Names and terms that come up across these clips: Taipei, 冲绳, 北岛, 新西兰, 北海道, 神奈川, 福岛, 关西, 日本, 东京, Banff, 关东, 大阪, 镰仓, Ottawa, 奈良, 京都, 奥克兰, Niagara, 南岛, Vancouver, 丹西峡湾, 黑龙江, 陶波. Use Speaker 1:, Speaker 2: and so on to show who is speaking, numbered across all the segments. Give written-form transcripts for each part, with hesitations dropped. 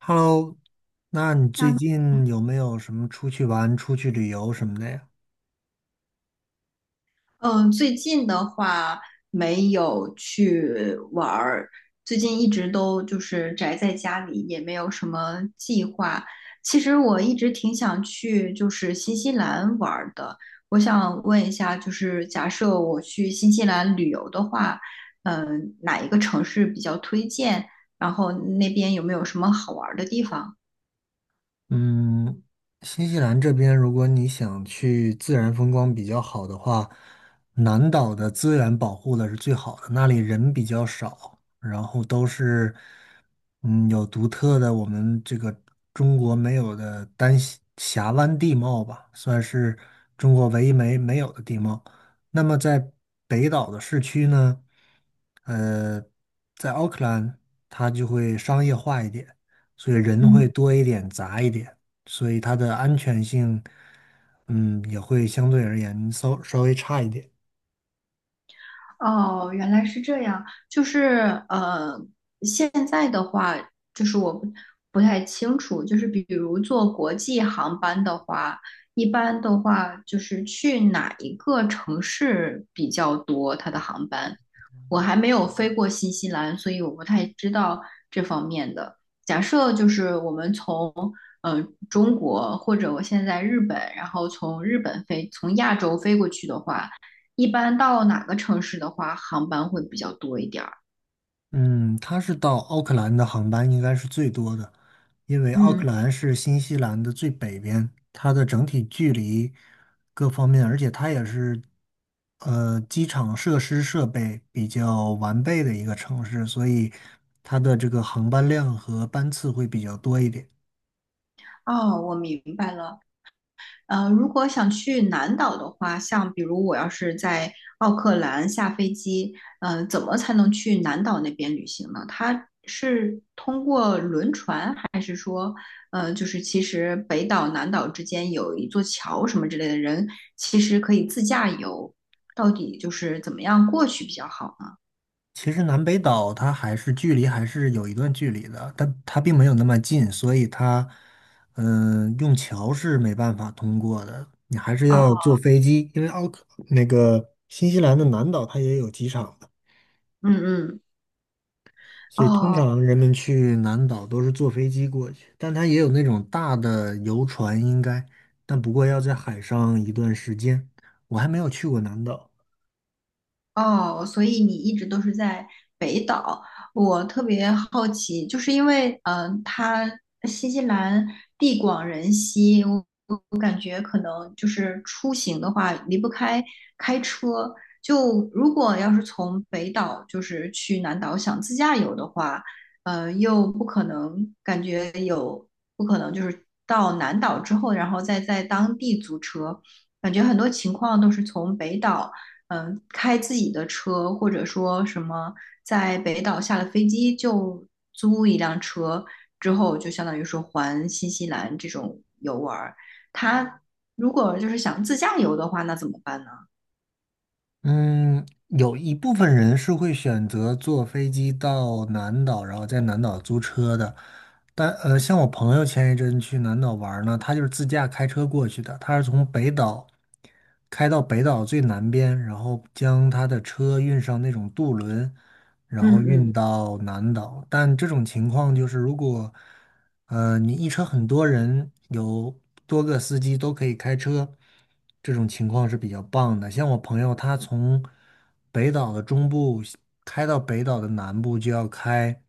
Speaker 1: Hello，那你最
Speaker 2: 那
Speaker 1: 近有没有什么出去玩、出去旅游什么的呀？
Speaker 2: 嗯，最近的话没有去玩儿，最近一直都就是宅在家里，也没有什么计划。其实我一直挺想去就是新西兰玩儿的。我想问一下，就是假设我去新西兰旅游的话，哪一个城市比较推荐？然后那边有没有什么好玩儿的地方？
Speaker 1: 嗯，新西兰这边，如果你想去自然风光比较好的话，南岛的资源保护的是最好的，那里人比较少，然后都是有独特的我们这个中国没有的丹西峡湾地貌吧，算是中国唯一没有的地貌。那么在北岛的市区呢，呃，在奥克兰它就会商业化一点。所以人会
Speaker 2: 嗯。
Speaker 1: 多一点、杂一点，所以它的安全性，嗯，也会相对而言稍微差一点。
Speaker 2: 哦，原来是这样，就是呃，现在的话，就是我不太清楚，就是比如坐国际航班的话，一般的话就是去哪一个城市比较多，它的航班，我还没有飞过新西兰，所以我不太知道这方面的。假设就是我们从呃中国或者我现在日本，然后从日本飞，从亚洲飞过去的话。一般到哪个城市的话，航班会比较多一点儿。
Speaker 1: 嗯，它是到奥克兰的航班应该是最多的，因为奥
Speaker 2: 嗯。
Speaker 1: 克兰是新西兰的最北边，它的整体距离各方面，而且它也是机场设施设备比较完备的一个城市，所以它的这个航班量和班次会比较多一点。
Speaker 2: 哦，我明白了。如果想去南岛的话，像比如我要是在奥克兰下飞机，怎么才能去南岛那边旅行呢？它是通过轮船，还是说，就是其实北岛南岛之间有一座桥什么之类的人，其实可以自驾游，到底就是怎么样过去比较好呢？
Speaker 1: 其实南北岛它还是距离还是有一段距离的，但它并没有那么近，所以它，嗯、用桥是没办法通过的，你还是要
Speaker 2: 哦，
Speaker 1: 坐飞机，因为奥克那个新西兰的南岛它也有机场的，
Speaker 2: 嗯嗯，
Speaker 1: 所以通
Speaker 2: 哦。
Speaker 1: 常人们去南岛都是坐飞机过去，但它也有那种大的游船应该，但不过要在海上一段时间，我还没有去过南岛。
Speaker 2: 哦，所以你一直都是在北岛，我特别好奇，就是因为它新西兰地广人稀，我感觉可能就是出行的话离不开开车。就如果要是从北岛就是去南岛想自驾游的话，又不可能感觉有不可能就是到南岛之后，然后再在当地租车，感觉很多情况都是从北岛。开自己的车，或者说什么在北岛下了飞机就租一辆车，之后就相当于说环新西兰这种游玩儿。他如果就是想自驾游的话，那怎么办呢？
Speaker 1: 嗯，有一部分人是会选择坐飞机到南岛，然后在南岛租车的。但像我朋友前一阵去南岛玩儿呢，他就是自驾开车过去的，他是从北岛开到北岛最南边，然后将他的车运上那种渡轮，然后
Speaker 2: 嗯
Speaker 1: 运
Speaker 2: 嗯，
Speaker 1: 到南岛。但这种情况就是，如果你一车很多人，有多个司机都可以开车，这种情况是比较棒的。像我朋友，他从北岛的中部开到北岛的南部，就要开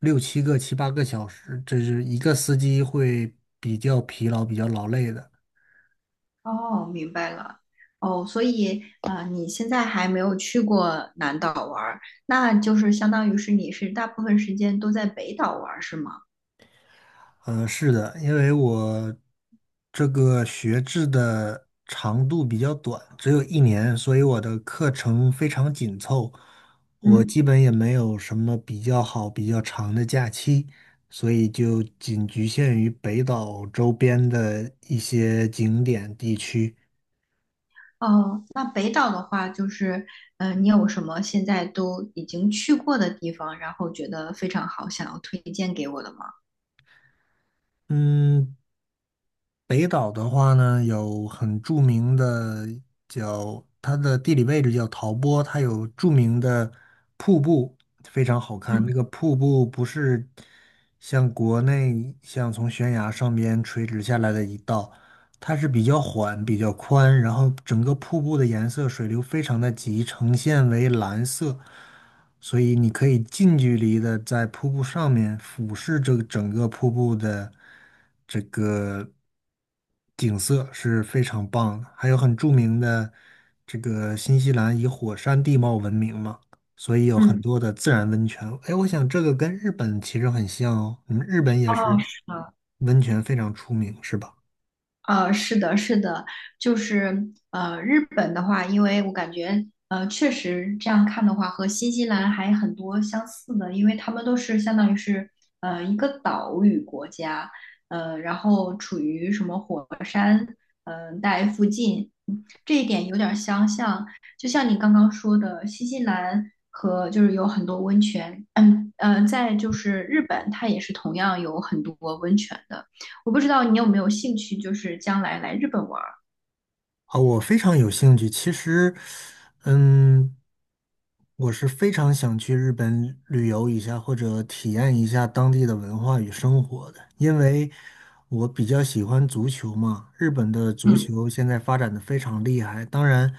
Speaker 1: 六七个、七八个小时，这是一个司机会比较疲劳、比较劳累的。
Speaker 2: 哦，明白了。哦，所以啊,你现在还没有去过南岛玩儿，那就是相当于是你是大部分时间都在北岛玩儿，是吗？
Speaker 1: 嗯，是的，因为我这个学制的长度比较短，只有一年，所以我的课程非常紧凑，我
Speaker 2: 嗯。
Speaker 1: 基本也没有什么比较好、比较长的假期，所以就仅局限于北岛周边的一些景点地区。
Speaker 2: 哦，那北岛的话，就是，你有什么现在都已经去过的地方，然后觉得非常好，想要推荐给我的吗？
Speaker 1: 嗯，北岛的话呢，有很著名的叫它的地理位置叫陶波，它有著名的瀑布，非常好看。
Speaker 2: 嗯
Speaker 1: 那个瀑布不是像国内像从悬崖上边垂直下来的一道，它是比较缓、比较宽，然后整个瀑布的颜色、水流非常的急，呈现为蓝色。所以你可以近距离的在瀑布上面俯视这个整个瀑布的这个景色是非常棒的，还有很著名的这个新西兰以火山地貌闻名嘛，所以有很
Speaker 2: 嗯，
Speaker 1: 多的自然温泉。哎，我想这个跟日本其实很像哦，你们日本也
Speaker 2: 哦，
Speaker 1: 是
Speaker 2: 是的。
Speaker 1: 温泉非常出名，是吧？
Speaker 2: 是的，是的，日本的话，因为我感觉确实这样看的话，和新西兰还很多相似的，因为他们都是相当于是一个岛屿国家，然后处于什么火山带附近，这一点有点儿相像。就像你刚刚说的，新西兰和就是有很多温泉，在就是日本，它也是同样有很多温泉的。我不知道你有没有兴趣，就是将来来日本玩儿。
Speaker 1: 啊，我非常有兴趣。其实，嗯，我是非常想去日本旅游一下，或者体验一下当地的文化与生活的，因为我比较喜欢足球嘛。日本的足
Speaker 2: 嗯
Speaker 1: 球现在发展的非常厉害，当然，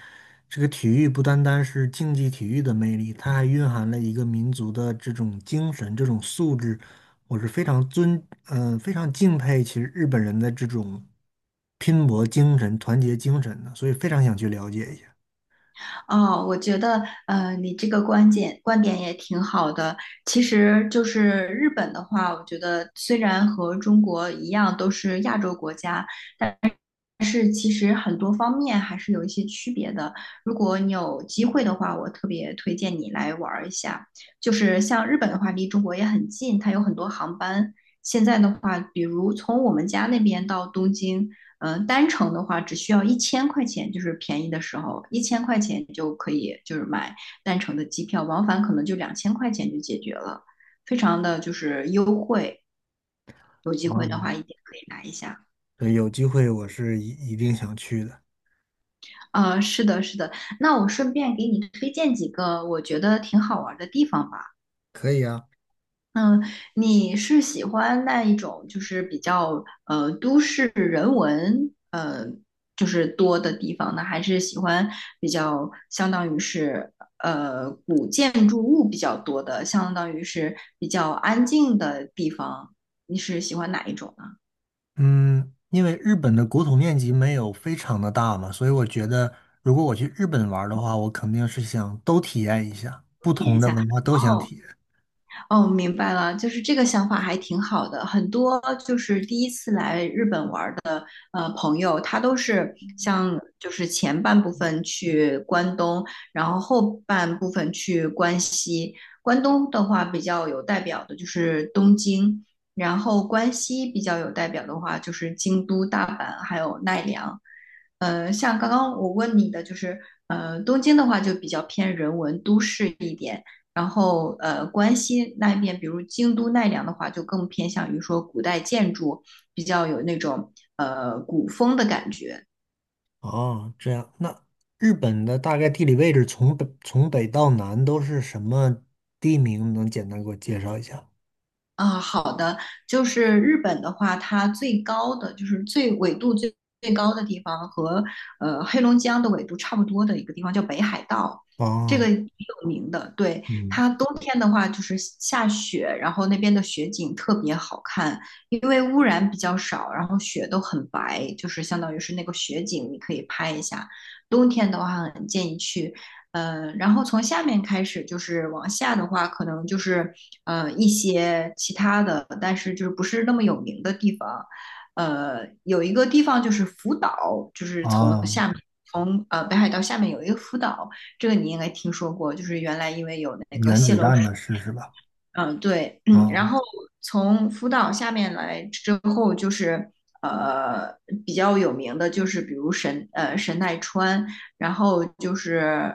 Speaker 1: 这个体育不单单是竞技体育的魅力，它还蕴含了一个民族的这种精神、这种素质。我是非常尊，嗯、非常敬佩其实日本人的这种。拼搏精神、团结精神的，所以非常想去了解一下。
Speaker 2: 哦，我觉得你这个观点也挺好的。其实就是日本的话，我觉得虽然和中国一样都是亚洲国家，但是其实很多方面还是有一些区别的。如果你有机会的话，我特别推荐你来玩儿一下。就是像日本的话，离中国也很近，它有很多航班。现在的话，比如从我们家那边到东京，单程的话只需要一千块钱，就是便宜的时候，一千块钱就可以就是买单程的机票，往返可能就2000块钱就解决了，非常的就是优惠。有机会的
Speaker 1: 嗯，
Speaker 2: 话，一定可以来一下。
Speaker 1: 对，有机会我是一定想去的。
Speaker 2: 是的，是的。那我顺便给你推荐几个我觉得挺好玩儿的地方吧。
Speaker 1: 可以啊，
Speaker 2: 嗯，你是喜欢那一种就是比较都市人文就是多的地方呢，还是喜欢比较相当于是古建筑物比较多的，相当于是比较安静的地方？你是喜欢哪一种呢？
Speaker 1: 嗯，因为日本的国土面积没有非常的大嘛，所以我觉得如果我去日本玩儿的话，我肯定是想都体验一下，不
Speaker 2: 体验
Speaker 1: 同
Speaker 2: 一
Speaker 1: 的
Speaker 2: 下。
Speaker 1: 文化都想
Speaker 2: 哦，
Speaker 1: 体验。
Speaker 2: 哦，明白了，就是这个想法还挺好的。很多就是第一次来日本玩的。朋友，他都是像就是前半部分去关东，然后后半部分去关西。关东的话比较有代表的就是东京，然后关西比较有代表的话就是京都、大阪还有奈良。像刚刚我问你的，东京的话就比较偏人文都市一点，然后关西那边，比如京都、奈良的话，就更偏向于说古代建筑，比较有那种古风的感觉
Speaker 1: 哦，这样，那日本的大概地理位置从北到南都是什么地名？能简单给我介绍一下？
Speaker 2: 啊。好的，就是日本的话，它最高的就是最纬度最高的地方和黑龙江的纬度差不多的一个地方叫北海道，这
Speaker 1: 哦，
Speaker 2: 个挺有名的。对，
Speaker 1: 嗯，
Speaker 2: 它冬天的话就是下雪，然后那边的雪景特别好看，因为污染比较少，然后雪都很白，就是相当于是那个雪景，你可以拍一下。冬天的话，很建议去然后从下面开始就是往下的话，可能就是一些其他的，但是就是不是那么有名的地方。有一个地方就是福岛，就是从
Speaker 1: 啊，
Speaker 2: 下面从北海道下面有一个福岛，这个你应该听说过，就是原来因为有那个
Speaker 1: 原
Speaker 2: 泄
Speaker 1: 子
Speaker 2: 漏
Speaker 1: 弹
Speaker 2: 水
Speaker 1: 的事是吧？
Speaker 2: 嗯，对，然
Speaker 1: 哦
Speaker 2: 后从福岛下面来之后，就是呃比较有名的，就是比如神奈川，然后就是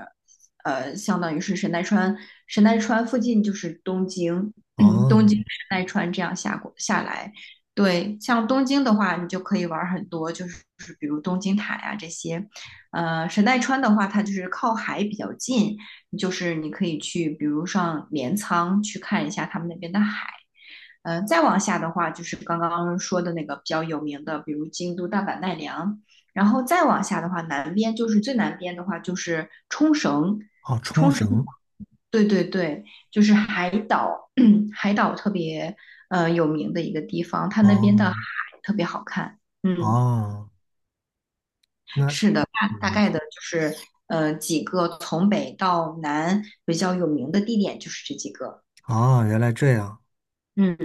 Speaker 2: 相当于是神奈川，神奈川附近就是东京，东
Speaker 1: 哦
Speaker 2: 京神奈川这样下过下来，对，像东京的话，你就可以玩儿很多，就是比如东京塔呀、这些，神奈川的话，它就是靠海比较近，就是你可以去，比如上镰仓去看一下他们那边的海。再往下的话，就是刚刚说的那个比较有名的，比如京都、大阪、奈良。然后再往下的话，南边就是最南边的话，就是冲绳。
Speaker 1: 哦，冲
Speaker 2: 冲绳，
Speaker 1: 绳
Speaker 2: 对对对，就是海岛，海岛特别有名的一个地方，它那边的海
Speaker 1: 哦
Speaker 2: 特别好看。嗯。
Speaker 1: 哦，那
Speaker 2: 是的，大
Speaker 1: 嗯
Speaker 2: 概的就是几个从北到南比较有名的地点就是这几个。
Speaker 1: 哦，原来这样，
Speaker 2: 嗯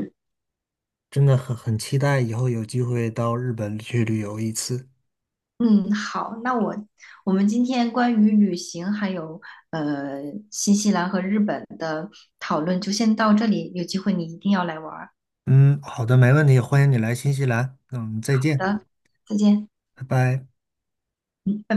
Speaker 1: 真的很期待以后有机会到日本去旅游一次。
Speaker 2: 嗯，好，那我们今天关于旅行还有呃新西兰和日本的讨论就先到这里，有机会你一定要来玩儿。
Speaker 1: 嗯，好的，没问题，欢迎你来新西兰。嗯，再
Speaker 2: 好
Speaker 1: 见，
Speaker 2: 的，再见，
Speaker 1: 拜拜。
Speaker 2: 嗯，拜拜。